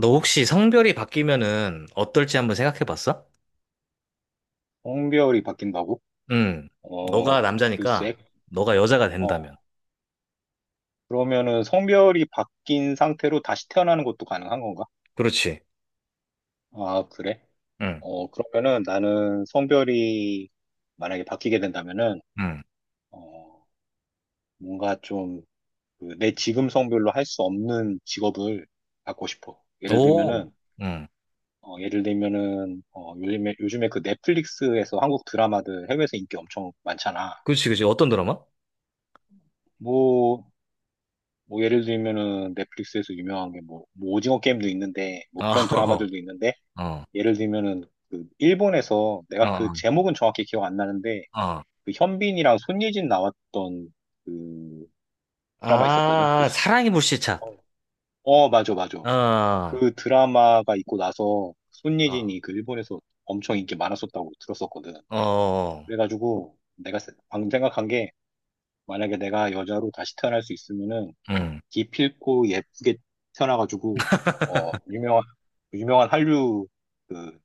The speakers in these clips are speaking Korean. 너 혹시 성별이 바뀌면은 어떨지 한번 생각해 봤어? 성별이 바뀐다고? 응. 어, 너가 남자니까 글쎄. 너가 여자가 어, 된다면. 그러면은 성별이 바뀐 상태로 다시 태어나는 것도 가능한 건가? 그렇지. 아, 그래? 응. 어, 그러면은 나는 성별이 만약에 바뀌게 된다면은, 응. 어, 뭔가 좀, 그, 내 지금 성별로 할 수 없는 직업을 갖고 싶어. 예를 오. 들면은, 응. 어, 예를 들면은, 어, 요즘에 그 넷플릭스에서 한국 드라마들 해외에서 인기 엄청 많잖아. 그렇지, 그렇지. 어떤 드라마? 뭐, 뭐 예를 들면은 넷플릭스에서 유명한 게 뭐, 뭐 오징어 게임도 있는데 뭐 아, 그런 드라마들도 있는데 어. 어. 예를 들면은 그 일본에서 내가 그 어. 제목은 정확히 기억 안 나는데 어. 그 현빈이랑 손예진 나왔던 그 드라마 있었거든. 아, 사랑이 불시착. 어, 어, 맞아 맞아. 어. 그 드라마가 있고 나서 어. 손예진이 그 일본에서 엄청 인기 많았었다고 들었었거든. 어. 그래가지고 내가 방금 생각한 게 만약에 내가 여자로 다시 태어날 수 있으면은 응. 기필코 예쁘게 태어나가지고 어 유명한 유명한 한류 그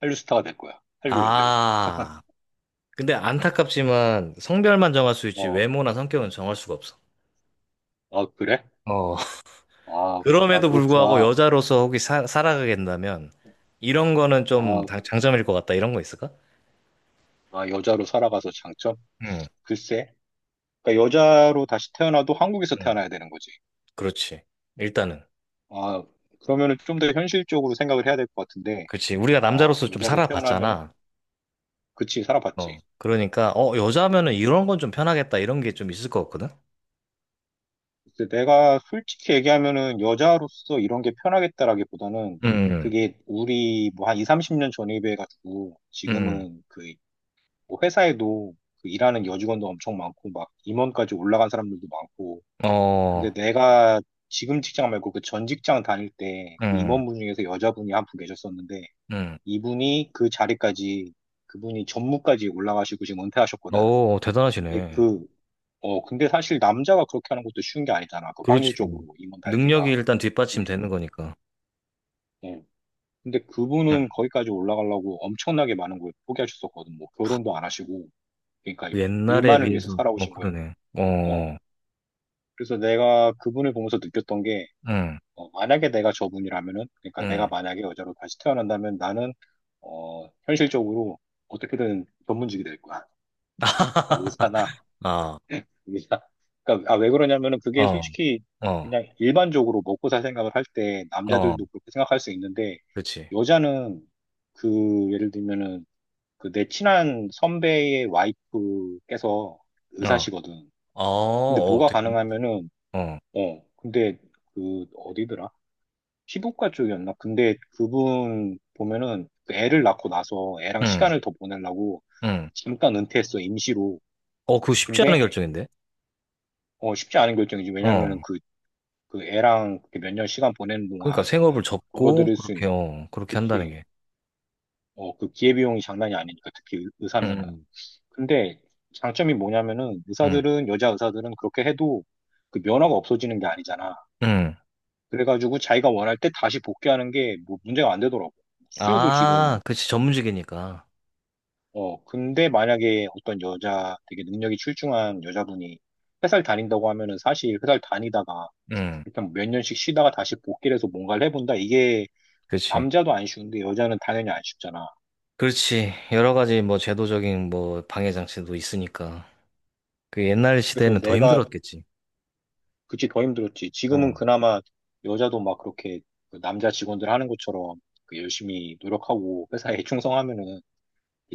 한류 스타가 될 거야. 한류 여배우. 아. 근데 안타깝지만 성별만 정할 수 어, 있지 외모나 성격은 정할 수가 없어. 아 그래. 어. 아 그럼에도 불구하고 그렇구나. 여자로서 혹시 살아가겠다면 이런 거는 좀 아, 장점일 것 같다. 이런 거 있을까? 아 여자로 살아가서 장점. 응, 글쎄, 그러니까 여자로 다시 태어나도 한국에서 응, 태어나야 되는 거지. 그렇지. 일단은. 아, 그러면은 좀 더 현실적으로 생각을 해야 될 것 같은데. 그렇지. 우리가 어, 남자로서 좀 여자로 태어나면 살아봤잖아. 그치 어, 살아봤지. 그러니까 어, 여자면은 이런 건 좀 편하겠다. 이런 게 좀 있을 것 같거든. 글쎄, 내가 솔직히 얘기하면은 여자로서 이런 게 편하겠다라기보다는 응, 그게 우리 뭐 한 2, 30년 전에 비해가지고 응, 지금은 그뭐 회사에도 그 일하는 여직원도 엄청 많고 막 임원까지 올라간 사람들도 많고, 응. 근데 어, 내가 지금 직장 말고 그 전 직장 다닐 때 그 응, 임원분 중에서 여자분이 한 분 계셨었는데 응. 이분이 그 자리까지, 그분이 전무까지 올라가시고 지금 은퇴하셨거든. 오, 근데 대단하시네. 그, 어, 근데 사실 남자가 그렇게 하는 것도 쉬운 게 아니잖아. 그 그렇지. 확률적으로, 임원 달기가. 능력이 일단 뒷받침되는 거니까. 근데 예. 근데 응. 그분은 거기까지 올라가려고 엄청나게 많은 걸 포기하셨었거든. 뭐, 결혼도 안 하시고. 그러니까 그 옛날에 일만을 위해서 비해서 살아오신 거예요. 그러네. 어. 어, 그래서 내가 그분을 보면서 느꼈던 게, 응, 어, 만약에 내가 저분이라면은, 그러니까 내가 응. 만약에 여자로 다시 태어난다면 나는, 어, 현실적으로 어떻게든 전문직이 될 거야. 그러니까 의사나, 아. 이게 다- 그러니까 아, 왜 그러냐면은 그게 어, 솔직히 어, 그냥 일반적으로 먹고 살 생각을 할 때 어, 남자들도 그렇게 생각할 수 있는데 그렇지. 여자는 그 예를 들면은 그 내 친한 선배의 와이프께서 어, 아, 의사시거든. 근데 어, 뭐가 되게, 가능하면은 어, 어 근데 그 어디더라? 피부과 쪽이었나? 근데 그분 보면은 그 애를 낳고 나서 애랑 응, 시간을 더 보내려고 응, 잠깐 은퇴했어, 임시로. 어, 그거 쉽지 않은 근데 결정인데. 어, 쉽지 않은 결정이지. 어. 왜냐면은 그 애랑 몇 년 시간 보내는 그러니까 동안 생업을 접고 벌어들일 수 있는, 그렇게 한다는 특히, 게. 어, 그 기회비용이 장난이 아니니까, 특히 의사면은. 응, 근데 장점이 뭐냐면은 응, 의사들은, 여자 의사들은 그렇게 해도 그 면허가 없어지는 게 아니잖아. 응, 그래가지고 자기가 원할 때 다시 복귀하는 게 뭐 문제가 안 되더라고. 수요도 지금, 아, 그렇지. 전문직이니까. 어, 근데 만약에 어떤 여자, 되게 능력이 출중한 여자분이 회사를 다닌다고 하면은 사실 회사를 다니다가 응, 일단 뭐 몇 년씩 쉬다가 다시 복귀를 해서 뭔가를 해본다. 이게 그렇지. 남자도 안 쉬운데 여자는 당연히 안 쉽잖아. 그렇지. 여러 가지 뭐 제도적인 뭐 방해 장치도 있으니까. 그 옛날 그래서 시대에는 더 내가 힘들었겠지. 그치 더 힘들었지. 지금은 응, 그나마 여자도 막 그렇게 그 남자 직원들 하는 것처럼 그 열심히 노력하고 회사에 충성하면은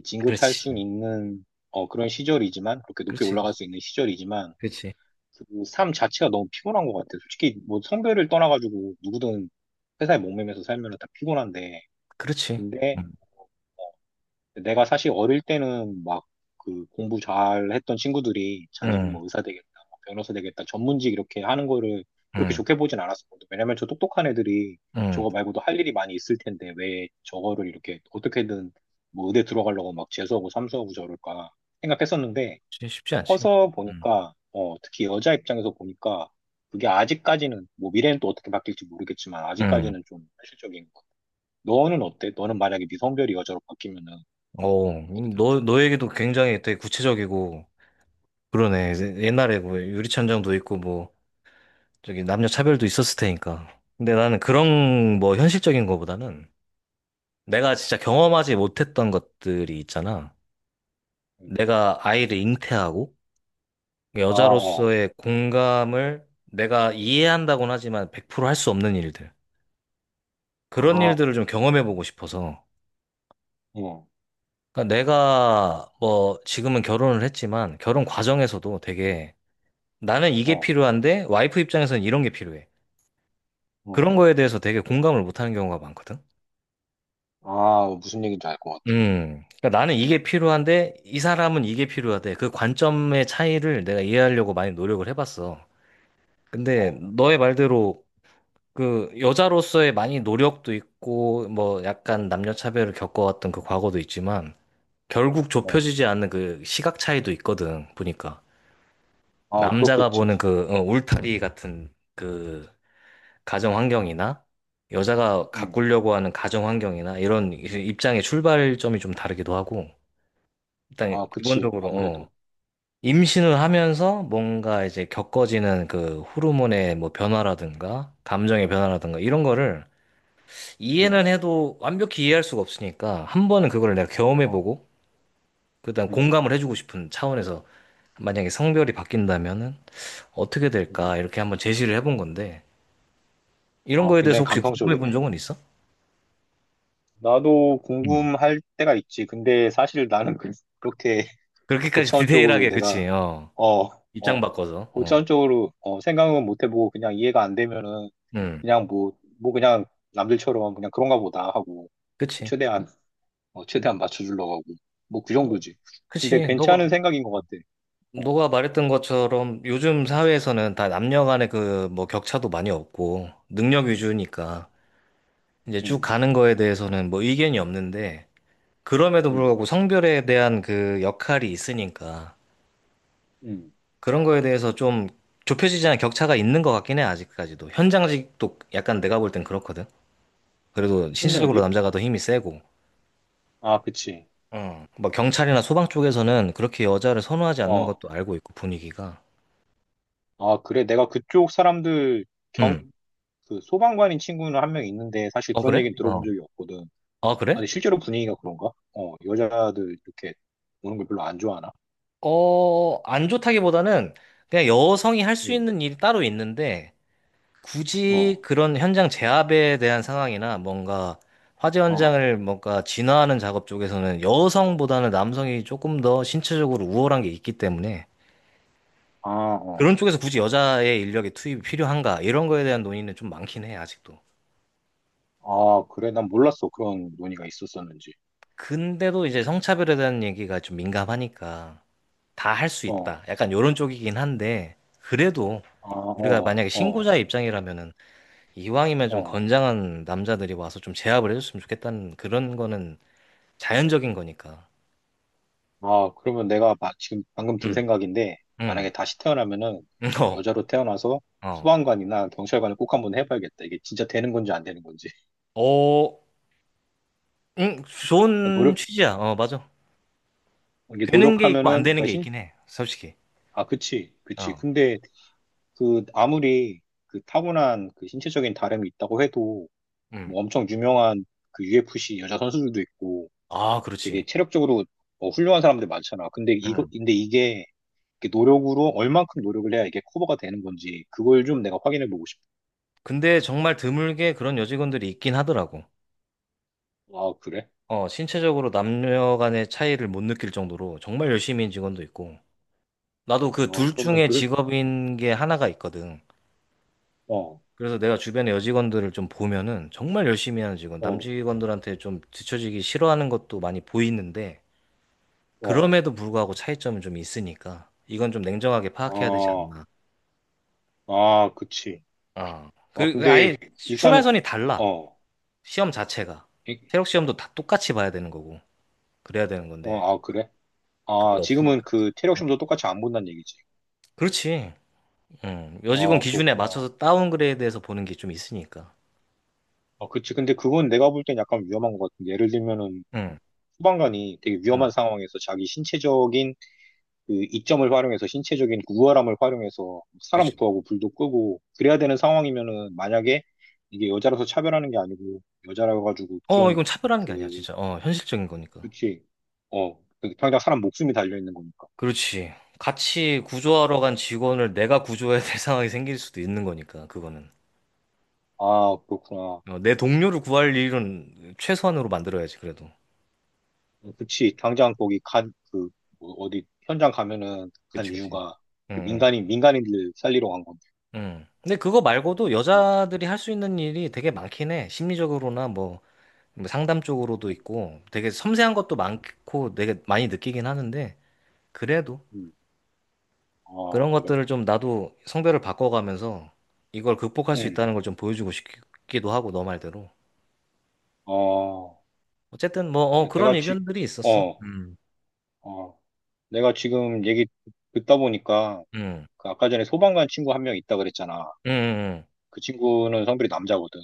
진급할 수 그렇지. 있는, 어, 그런 시절이지만 그렇게 높게 그렇지. 올라갈 수 있는 시절이지만 그렇지. 그 삶 자체가 너무 피곤한 것 같아. 솔직히 뭐 성별을 떠나가지고 누구든 회사에 목매면서 살면은 다 피곤한데 그렇지. 근데 응, 내가 사실 어릴 때는 막 그 공부 잘 했던 친구들이 자기는 응, 뭐 의사 되겠다, 뭐 변호사 되겠다, 전문직 이렇게 하는 거를 그렇게 응, 좋게 보진 않았었거든. 왜냐면 저 똑똑한 애들이 응. 저거 말고도 할 일이 많이 있을 텐데 왜 저거를 이렇게 어떻게든 뭐 의대 들어가려고 막 재수하고 삼수하고 저럴까 생각했었는데 쉽지 않지. 커서 응 보니까 어, 특히 여자 입장에서 보니까 그게 아직까지는 뭐 미래는 또 어떻게 바뀔지 모르겠지만 응. 아직까지는 좀 현실적인 것 같아. 너는 어때? 너는 만약에 미성별이 여자로 바뀌면은 어, 음, 어떻게 하고 너, 싶어? 너 얘기도 굉장히 되게 구체적이고, 그러네. 옛날에 뭐 유리천장도 있고, 뭐, 저기 남녀 차별도 있었을 테니까. 근데 나는 그런 뭐 현실적인 거보다는 내가 진짜 경험하지 못했던 것들이 있잖아. 음. 내가 아이를 잉태하고, 아, 어. 여자로서의 공감을 내가 이해한다곤 하지만 100%할 수 없는 일들. 그런 아, 일들을 좀 경험해보고 싶어서. 어, 그러니까 내가 뭐 지금은 결혼을 했지만 결혼 과정에서도 되게 나는 이게 어, 필요한데 와이프 입장에서는 이런 게 필요해. 어. 그런 거에 대해서 되게 공감을 못하는 경우가 많거든. 아, 무슨 얘기인지 알 것 같아. 그러니까 나는 이게 필요한데 이 사람은 이게 필요하대. 그 관점의 차이를 내가 이해하려고 많이 노력을 해봤어. 근데 어, 너의 말대로 그 여자로서의 많이 노력도 있고 뭐 약간 남녀 차별을 겪어왔던 그 과거도 있지만 결국 어. 좁혀지지 않는 그 시각 차이도 있거든. 보니까 아, 남자가 그렇겠지. 보는 울타리 같은 그 가정 환경이나 여자가 응. 가꾸려고 하는 가정 환경이나 이런 입장의 출발점이 좀 다르기도 하고 일단 아, 그치. 기본적으로 아무래도. 어, 임신을 하면서 뭔가 이제 겪어지는 그 호르몬의 뭐 변화라든가 감정의 변화라든가 이런 어, 거를 이해는 어, 해도 완벽히 이해할 수가 없으니까 한 번은 그걸 내가 어, 경험해보고 그다음 응, 공감을 해주고 싶은 차원에서 만약에 성별이 바뀐다면은 어떻게 어. 될까 이렇게 한번 제시를 해본 건데 이런 아, 거에 대해서 굉장히 혹시 궁금해 감성적이네. 본 적은 있어? 나도 음. 궁금할 때가 있지. 근데 사실 나는 그렇게 그렇게까지 고차원 쪽으로 디테일하게, 내가, 그치, 어. 어, 입장 어, 바꿔서, 어. 고차원 쪽으로, 어, 생각은 못 해보고 그냥 이해가 안 되면은 음, 그냥 뭐 그냥 남들처럼 그냥 그런가 보다 하고 그치. 최대한 어, 최대한 맞춰주려고 하고. 뭐, 그 너, 정도지. 근데 그치, 너가, 괜찮은 생각인 것 같아. 어, 너가 말했던 것처럼 요즘 사회에서는 다 남녀 간의 그 뭐 격차도 많이 없고, 능력 위주니까 이제 쭉 음, 가는 거에 대해서는 뭐 의견이 없는데, 그럼에도 음, 불구하고 성별에 대한 그 역할이 있으니까, 음. 그런 거에 대해서 좀 좁혀지지 않은 격차가 있는 것 같긴 해, 아직까지도. 현장직도 약간 내가 볼 땐 그렇거든. 그래도 1년 신체적으로 뒤? 남자가 더 힘이 세고. 아, 그치. 어, 뭐 경찰이나 소방 쪽에서는 그렇게 여자를 선호하지 않는 어, 것도 알고 있고 분위기가. 아, 그래. 내가 그쪽 사람들 경, 음. 그 소방관인 친구는 한 명 있는데 사실 어 그런 그래? 얘기는 어. 들어본 적이 없거든. 아 아니, 그래? 실제로 분위기가 그런가? 어, 여자들 이렇게 오는 걸 별로 안 좋아하나? 어, 안 좋다기보다는 그냥 여성이 할 수 응, 있는 일이 따로 있는데 굳이 어, 그런 현장 제압에 대한 상황이나 뭔가 화재 어, 현장을 뭔가 진화하는 작업 쪽에서는 여성보다는 남성이 조금 더 신체적으로 우월한 게 있기 때문에 아, 어. 그런 쪽에서 굳이 여자의 인력이 투입이 필요한가 이런 거에 대한 논의는 좀 많긴 해 아직도. 아, 그래. 난 몰랐어. 그런 논의가 있었었는지. 근데도 이제 성차별에 대한 얘기가 좀 민감하니까 다 할 수 어, 있다. 약간 요런 쪽이긴 한데 그래도 아, 우리가 어, 만약에 어, 신고자 의 입장이라면은 이왕이면 좀 어. 건장한 남자들이 와서 좀 제압을 해줬으면 좋겠다는 그런 거는 자연적인 거니까. 아, 그러면 지금 방금 든 응, 생각인데, 응, 만약에 다시 태어나면은 응, 어, 여자로 태어나서 어, 소방관이나 경찰관을 꼭 한번 해봐야겠다. 이게 진짜 되는 건지 안 되는 건지. 어, 응, 그러니까 좋은 노력, 취지야. 어, 맞아. 이게 되는 게 있고 안 노력하면은, 되는 그러니까 게 신, 있긴 해. 솔직히. 아, 그치, 그치. 어, 근데 그 아무리 그 타고난 그 신체적인 다름이 있다고 해도 응. 뭐 엄청 유명한 그 UFC 여자 선수들도 있고 아, 그렇지. 되게 체력적으로 어, 훌륭한 사람들 많잖아. 응. 근데 이게 이렇게 노력으로 얼만큼 노력을 해야 이게 커버가 되는 건지 그걸 좀 내가 확인해 보고 싶어. 근데 정말 드물게 그런 여직원들이 있긴 하더라고. 아, 그래? 어, 신체적으로 남녀 간의 차이를 못 느낄 정도로 정말 열심히 인 직원도 있고, 나도 그 어, 둘 그러면, 중에 그, 직업인 게 하나가 있거든. 어, 그래서 내가 주변에 여직원들을 좀 보면은 정말 열심히 하는 직원, 남 어, 직원들한테 좀 뒤처지기 싫어하는 것도 많이 보이는데, 어, 그럼에도 불구하고 차이점은 좀 있으니까, 이건 좀 냉정하게 파악해야 되지 아, 않나. 아, 그치. 아, 아, 그, 그 아예 근데, 일단은, 출발선이 달라. 어, 시험 자체가. 이- 체력 시험도 다 똑같이 봐야 되는 거고, 그래야 되는 건데, 어, 아, 그래? 아, 그게 지금은 없으니까. 그 체력 음. 시험도 똑같이 안 본다는 얘기지. 그렇지. 여직원 아, 기준에 그렇구나. 맞춰서 다운그레이드해서 보는 게 좀 있으니까. 아, 그치. 근데 그건 내가 볼 땐 약간 위험한 것 같은데. 예를 들면은, 응, 소방관이 되게 위험한 응, 상황에서 자기 신체적인 그 이점을 활용해서 신체적인 우월함을 활용해서 사람 그치. 구하고 불도 끄고 그래야 되는 상황이면은, 만약에 이게 여자라서 차별하는 게 아니고 여자라 가지고 어, 그런 이건 차별하는 게 아니야, 그 진짜. 어, 현실적인 거니까. 그치 어 그 당장 사람 목숨이 달려 있는 거니까. 그렇지. 같이 구조하러 간 직원을 내가 구조해야 될 상황이 생길 수도 있는 거니까, 그거는. 아, 그렇구나. 어, 내 동료를 구할 일은 최소한으로 만들어야지, 그래도. 어, 그치. 당장 거기 간 그 어디 현장 가면은 간 그치, 그치. 이유가 응, 그 응. 민간인들 살리러 간 건데. 응. 근데 그거 말고도 어, 여자들이 할 수 있는 일이 되게 많긴 해. 심리적으로나 뭐, 뭐 상담 쪽으로도 음, 있고, 되게 섬세한 것도 많고, 되게 많이 느끼긴 하는데, 그래도. 음. 아 그런 그래. 것들을 좀 나도 성별을 바꿔가면서 이걸 극복할 수 음. 있다는 걸 좀 보여주고 싶기도 하고, 너 말대로. 아 어쨌든 그래. 그런 내가 지 의견들이 있었어. 어 음. 어, 내가 지금 얘기 듣다 보니까 음, 그 아까 전에 소방관 친구 한 명 있다 그랬잖아. 음, 그 친구는 성별이 남자거든.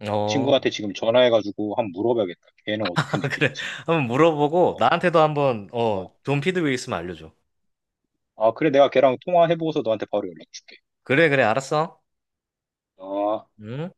그 어, 친구한테 지금 전화해가지고 한번 물어봐야겠다. 걔는 어떻게 그래. 느끼는지. 한번 물어보고 어, 나한테도 한번, 어, 어. 좋은 피드백 있으면 알려줘. 아, 그래, 내가 걔랑 통화해보고서 너한테 바로 연락 줄게. 그래, 그래, 알았어. 어. 음.